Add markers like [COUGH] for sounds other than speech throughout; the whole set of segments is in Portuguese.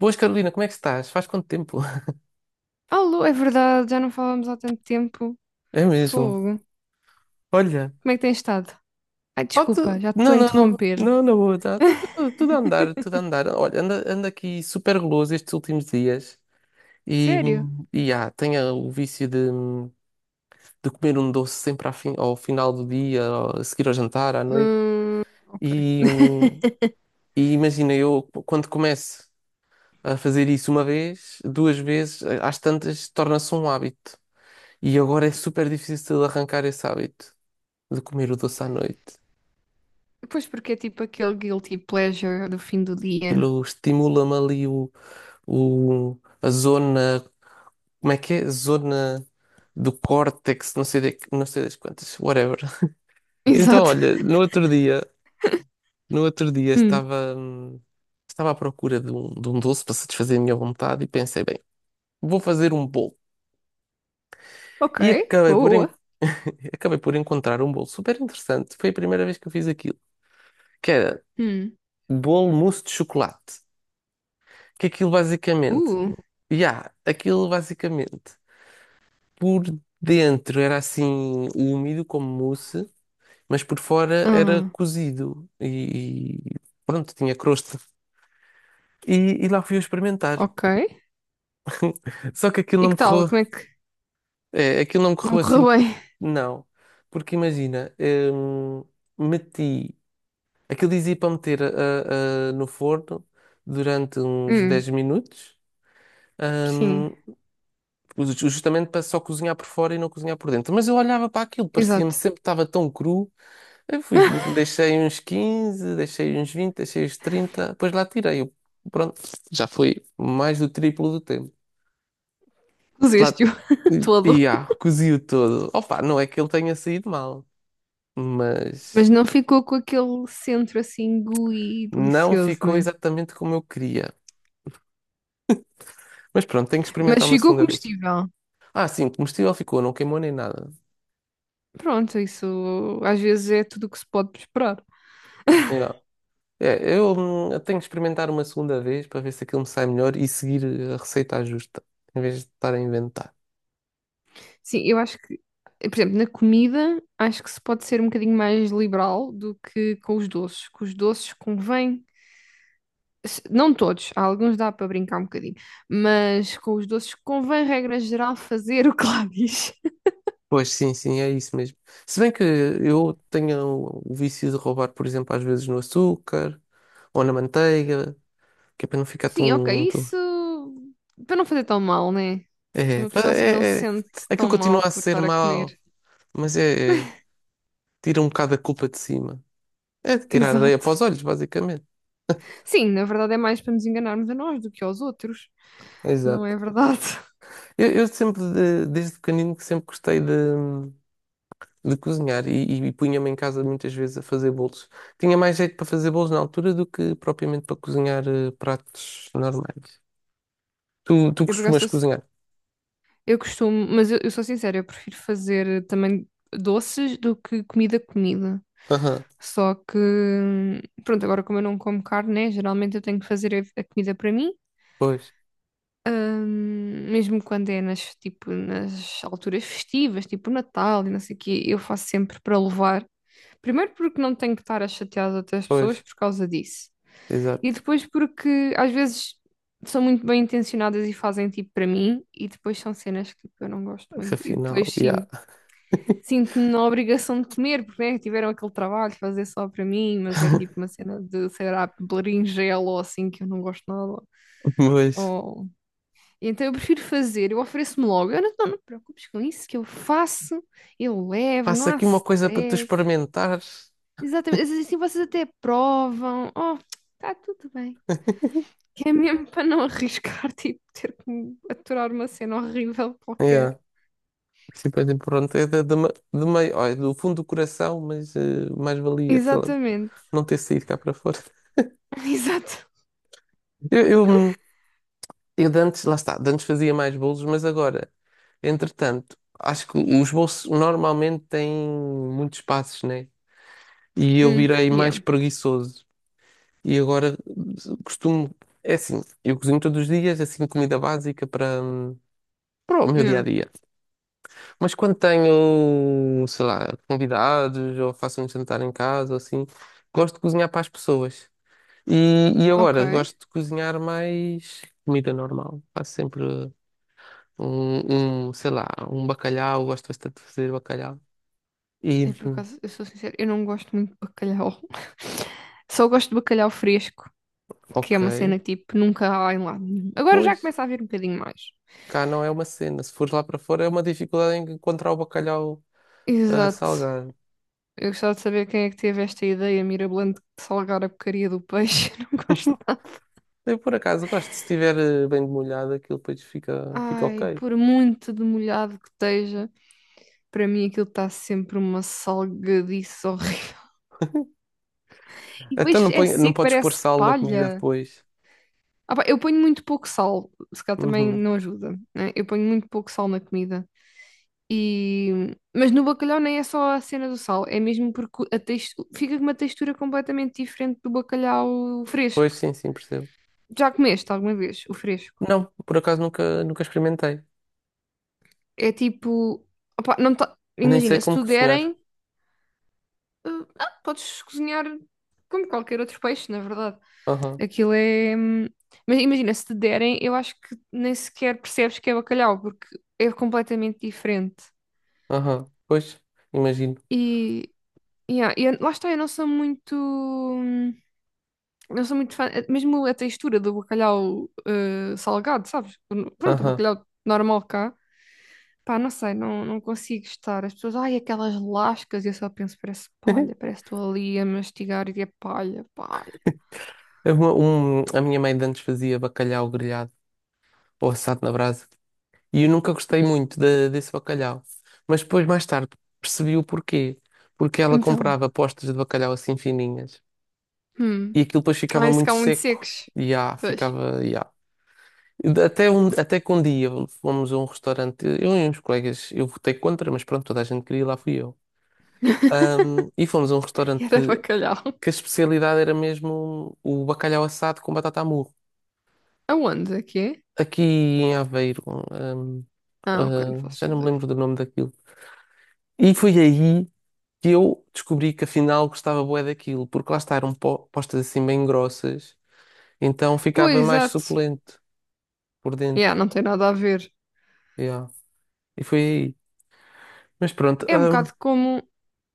Boas, Carolina, como é que estás? Faz quanto tempo? [LAUGHS] Alô, é verdade, já não falamos há tanto tempo. É mesmo. Fogo. Olha. Como é que tens estado? Ai, Oh, tu- desculpa, já te estou Não, a não, não. interromper. Não, não vou. Tá, tá tudo, tudo a andar, tudo a [LAUGHS] andar. Olha, ando aqui super guloso estes últimos dias e, Sério? e tenho o vício de, comer um doce sempre ao final do dia, a seguir ao jantar, à noite. Hum, ok. E, [LAUGHS] e imagina, eu quando começo a fazer isso uma vez, duas vezes, às tantas, torna-se um hábito. E agora é super difícil de arrancar esse hábito de comer o doce à noite. Pois porque é tipo aquele guilty pleasure do fim do dia. Aquilo estimula-me ali a zona, como é que é? Zona do córtex, não sei, não sei das quantas, whatever. [LAUGHS] [LAUGHS] Então, Exato. olha, no outro dia, no outro dia Hum, estava à procura de um doce para satisfazer a minha vontade e pensei, bem, vou fazer um bolo. ok. E Boa, boa. [LAUGHS] acabei por encontrar um bolo super interessante. Foi a primeira vez que eu fiz aquilo, que era Hum, bolo mousse de chocolate. Que aquilo basicamente uh. E há, Aquilo basicamente, por dentro era assim úmido como mousse, mas por fora era Ah, cozido e pronto, tinha crosta. E, e lá fui eu experimentar. ok. Só que aquilo E não me que tal? correu, Como é que aquilo não me correu não assim, correu bem? não. Porque imagina, meti, aquilo dizia para meter no forno durante uns Hum, 10 minutos. sim, hum, Justamente para só cozinhar por fora e não cozinhar por dentro. Mas eu olhava para aquilo, parecia-me exato. sempre que estava tão cru. Eu fui, [LAUGHS] deixei uns 15, deixei uns 20, deixei uns 30. Depois lá tirei. Pronto, já foi mais do triplo do tempo. Lá, Puseste-o [LAUGHS] e todo. Cozi-o todo. Opa, não é que ele tenha saído mal, Mas mas não ficou com aquele centro assim gooey e não delicioso, ficou né? exatamente como eu queria. Mas pronto, tenho que experimentar Mas uma ficou segunda vez. comestível. Ah, sim, comestível ficou, não queimou nem nada. Pronto, isso às vezes é tudo o que se pode esperar. É, eu tenho que experimentar uma segunda vez para ver se aquilo me sai melhor e seguir a receita à justa, em vez de estar a inventar. Sim, eu acho que, por exemplo, na comida, acho que se pode ser um bocadinho mais liberal do que com os doces. Com os doces convém, não todos, há alguns dá para brincar um bocadinho, mas com os doces convém, regra geral, fazer o que lá diz. Pois sim, sim, é isso mesmo. Se bem que eu tenho o vício de roubar, por exemplo, às vezes no açúcar ou na manteiga, que é para não ficar Sim, ok, tão. isso para não fazer tão mal, né? É, Uma pá, pessoa assim não se sente aquilo tão continua mal a por ser estar a mau, comer. mas tira um bocado a culpa de cima. É [LAUGHS] tirar areia para Exato. os olhos, basicamente. Sim, na verdade é mais para nos enganarmos a nós do que aos outros, não Exato. é verdade? [LAUGHS] Eu sempre, desde pequenino, que sempre gostei de cozinhar e punha-me em casa muitas vezes a fazer bolos. Tinha mais jeito para fazer bolos na altura do que propriamente para cozinhar pratos normais. Tu Eu, por acaso, costumas cozinhar? eu costumo, mas eu sou sincera, eu prefiro fazer também doces do que comida comida. Aham, Só que, pronto, agora como eu não como carne, né, geralmente eu tenho que fazer a comida para mim. Pois, Mesmo quando é nas, tipo, nas alturas festivas, tipo Natal e não sei o quê, eu faço sempre para levar. Primeiro porque não tenho que estar a chatear as outras pessoas pois, por causa disso. E exato. depois porque às vezes são muito bem intencionadas e fazem tipo para mim, e depois são cenas que tipo, eu não gosto muito. E depois Afinal, yeah. sim, sinto-me na obrigação de comer, porque né, tiveram aquele trabalho de fazer só para mim, mas é tipo uma [LAUGHS] cena de, sei lá, berinjela ou assim que eu não gosto nada. Mas Ou então eu prefiro fazer, eu ofereço-me logo. Eu não, não, não te preocupes com isso, que eu faço, eu levo, não faço há aqui uma coisa para tu stress. experimentares. Exatamente, às vezes assim vocês até provam. Oh, está tudo bem. Que é mesmo para não arriscar, [LAUGHS] tipo, ter que me aturar uma cena horrível Yeah. qualquer. Sim, pois, é, pronto, é de meio, ó, é do fundo do coração, mas mais valia Exatamente, não ter saído cá para fora. [LAUGHS] exato. [LAUGHS] Eu, eu, hum, eu de antes, lá está, de antes fazia mais bolos, mas agora, entretanto, acho que os bolos normalmente têm muitos passos, né? E eu virei mais Yeah, preguiçoso. E agora costumo, é assim, eu cozinho todos os dias, assim, comida básica para o meu dia a yeah, dia. Mas quando tenho, sei lá, convidados ou faço um jantar em casa ou assim, gosto de cozinhar para as pessoas. E ok. agora gosto de cozinhar mais comida normal. Faço sempre um, sei lá, um bacalhau, gosto bastante de fazer bacalhau. E E por acaso, eu sou sincera, eu não gosto muito de bacalhau. [LAUGHS] Só gosto de bacalhau fresco, que é ok, uma cena que, tipo, nunca há em lado nenhum. Agora já pois começa a haver um bocadinho mais. cá não é uma cena. Se fores lá para fora é uma dificuldade em encontrar o bacalhau Exato. salgado. Eu gostava de saber quem é que teve esta ideia mirabolante de salgar a porcaria do peixe. [LAUGHS] Não gosto. Eu por acaso gosto, se estiver bem demolhado, aquilo depois fica Ai, ok. por muito demolhado que esteja, para mim aquilo está sempre uma salgadice horrível. [LAUGHS] E Então depois não, é põe, não seco, podes pôr parece sal na comida palha. depois. Ah pá, eu ponho muito pouco sal, se calhar também Uhum. não ajuda, né? Eu ponho muito pouco sal na comida. E... Mas no bacalhau nem é só a cena do sal, é mesmo porque fica com uma textura completamente diferente do bacalhau Pois fresco. sim, sim, percebo. Já comeste alguma vez o fresco? Não, por acaso nunca, nunca experimentei. É tipo, opá, Nem sei imagina, se como tu cozinhar. derem, eh, podes cozinhar como qualquer outro peixe, na verdade. Aham, Aquilo é. Mas imagina, se te derem, eu acho que nem sequer percebes que é bacalhau, porque é completamente diferente. aham. Pois, imagino. E, yeah, lá está, eu não sou muito. Não sou muito fã, mesmo a textura do bacalhau salgado, sabes? Pronto, o Aham. bacalhau normal cá. Pá, não sei, não, não consigo estar. As pessoas, ai, aquelas lascas, e eu só penso, parece palha, [LAUGHS] parece que estou ali a mastigar e é palha, palha. A minha mãe de antes fazia bacalhau grelhado ou assado na brasa. E eu nunca gostei muito desse bacalhau. Mas depois, mais tarde, percebi o porquê. Porque ela Então, comprava postas de bacalhau assim fininhas. hum, E aquilo depois ficava ai, se muito cá muito seco. secos. E Pois, ficava. Até que um dia fomos a um restaurante, eu e uns colegas, eu votei contra, mas pronto, toda a gente queria ir lá, fui eu. E fomos a um [LAUGHS] restaurante e era bacalhau. que a [LAUGHS] especialidade era mesmo o bacalhau assado com batata à murro. Aonde é que é? Aqui em Aveiro, ahm, Ah, ok, não já faço não me ideia. lembro do nome daquilo. E foi aí que eu descobri que afinal gostava bué daquilo, porque lá está, eram postas assim bem grossas, então Pois, ficava mais exato. suculento por Yeah, dentro. não tem nada a ver. Yeah. E foi aí. Mas pronto. É um bocado como.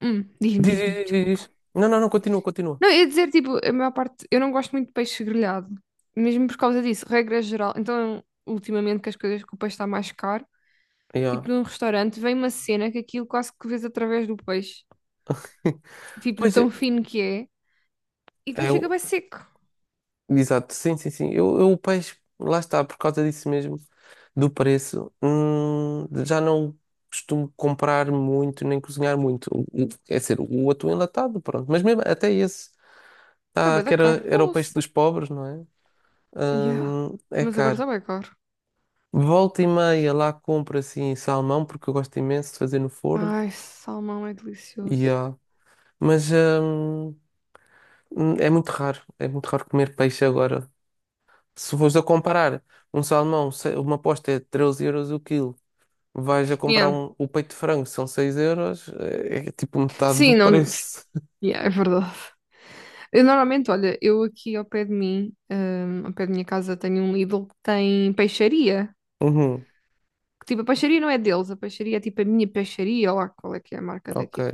Diz-me, Diz, diz-me, diz, diz, desculpa. diz. Não, não, não, continua, continua. Não, ia dizer, tipo, a maior parte, eu não gosto muito de peixe grelhado, mesmo por causa disso, regra geral. Então, ultimamente que as coisas, que o peixe está mais caro. Yeah. Tipo num restaurante, vem uma cena que aquilo quase que vês através do peixe, [LAUGHS] tipo de Pois tão é, fino que é, e depois fica eu, bem seco. exato, sim, sim, sim. Eu o peixe, lá está, por causa disso mesmo, do preço, já não costumo comprar muito nem cozinhar muito. É ser o atum enlatado, pronto. Mas mesmo até esse, Está bem da que cara, era o peixe ouça. dos pobres, não é? Yeah. É Mas agora caro. está bem caro. Volta e meia lá compro assim salmão, porque eu gosto imenso de fazer no forno. Ai, salmão é delicioso. Yeah. Mas. hum, é muito raro comer peixe agora. Se fores a comparar um salmão, uma posta é 13 euros o quilo, vais a comprar Yeah. O peito de frango, são 6 euros, é tipo metade do Sim, não. preço. [LAUGHS] Yeah, é verdade. Eu normalmente, olha, eu aqui ao pé de mim, ao pé da minha casa, tenho um Lidl que tem peixaria. Uhum, Que, tipo, a peixaria não é deles, a peixaria é tipo a minha peixaria, ou lá qual é que é a marca ok, daqui.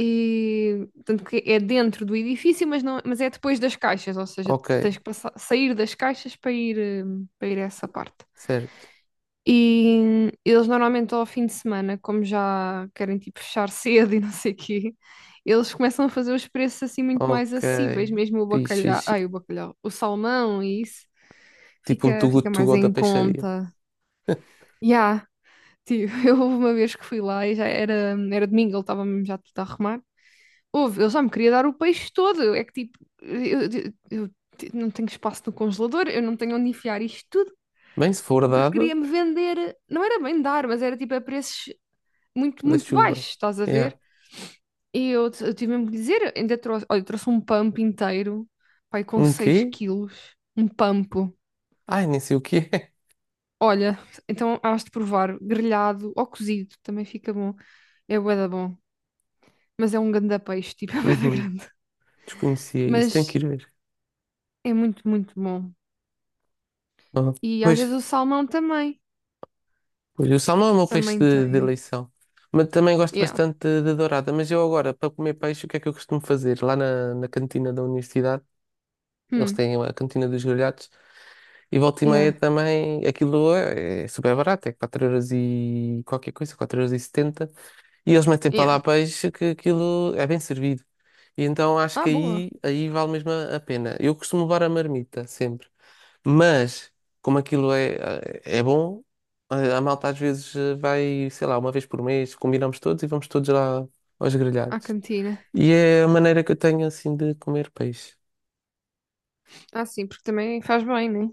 E, tanto que é dentro do edifício, mas, não, mas é depois das caixas, ou seja, ok, tens que sair das caixas para ir a essa parte. certo, E eles normalmente ao fim de semana, como já querem tipo fechar cedo [LAUGHS] e não sei o quê, eles começam a fazer os preços assim muito mais ok, acessíveis, mesmo o fixe, bacalhau, ai, o fixe. bacalhau, o salmão e isso Tipo um fica, too good fica to mais go da em peixaria. conta. [LAUGHS] Ya, tipo, [LAUGHS] eu houve uma vez que fui lá e já era domingo, ele estava mesmo já tudo a arrumar. Houve, eu só me queria dar o peixe todo. É que tipo, não tenho espaço no congelador, eu não tenho onde enfiar isto tudo, Bem, se for porque dado, queria-me vender. Não era bem dar, mas era tipo a preços muito, da muito chuva. baixos, estás a ver? Yeah. E eu tive mesmo que dizer, ainda trouxe, olha, eu trouxe um pump inteiro, pai, com Um 6 quê? quilos, um pampo. Ai, nem sei o que é. [LAUGHS] Olha, então hás de provar, grelhado ou cozido, também fica bom. É bué da bom, mas é um ganda peixe, tipo, [LAUGHS] é bué da Uhum. grande. Desconhecia isso, tenho que Mas ir ver. é muito, muito bom. Ah, E às vezes o pois, salmão também. pois, o salmão é o meu peixe Também de tem. eleição. Mas também gosto Yeah. bastante de dourada. Mas eu agora, para comer peixe, o que é que eu costumo fazer? Lá na cantina da universidade, eles Hum. têm a cantina dos grelhados. E volta e meia Yeah. também, aquilo é super barato, é 4 euros e qualquer coisa, 4,70 euros. E eles metem para Yeah. lá peixe que aquilo é bem servido. E então acho que Ah, boa. Aí vale mesmo a pena. Eu costumo levar a marmita sempre. Mas, como aquilo é bom, a malta às vezes vai, sei lá, uma vez por mês, combinamos todos e vamos todos lá aos À grelhados. cantina. E é a maneira que eu tenho assim de comer peixe. Ah, sim, porque também faz bem, né?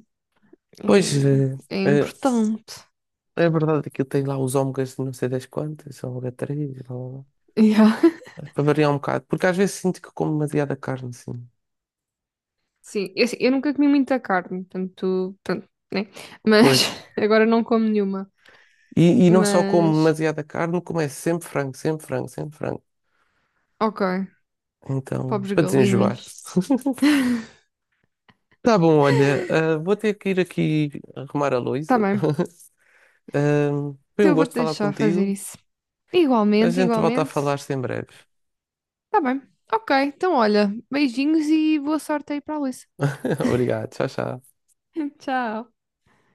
Pois, É eh, importante. é verdade que eu tenho lá os ômegas de não sei das quantas, ômega 3, blá, blá, blá. Yeah. [LAUGHS] Para variar um bocado, porque às vezes sinto que como demasiada carne, assim. Sim, eu, assim, eu nunca comi muita carne, portanto, pronto, né? Mas Pois. [LAUGHS] agora não como nenhuma. E não só como Mas, demasiada carne, como é sempre frango, sempre frango, sempre frango. ok. Então, Pobres para desenjoar. galinhas. [LAUGHS] [LAUGHS] Tá bom, olha, vou ter que ir aqui arrumar a Tá louça. bem. [LAUGHS] Ah, foi Então um eu vou-te gosto falar deixar fazer contigo. isso. A Igualmente, gente volta a igualmente. falar-se em breve. Tá bem. Ok, então olha, beijinhos e boa sorte aí para a Luísa. [LAUGHS] Obrigado, tchau, tchau. [LAUGHS] Tchau.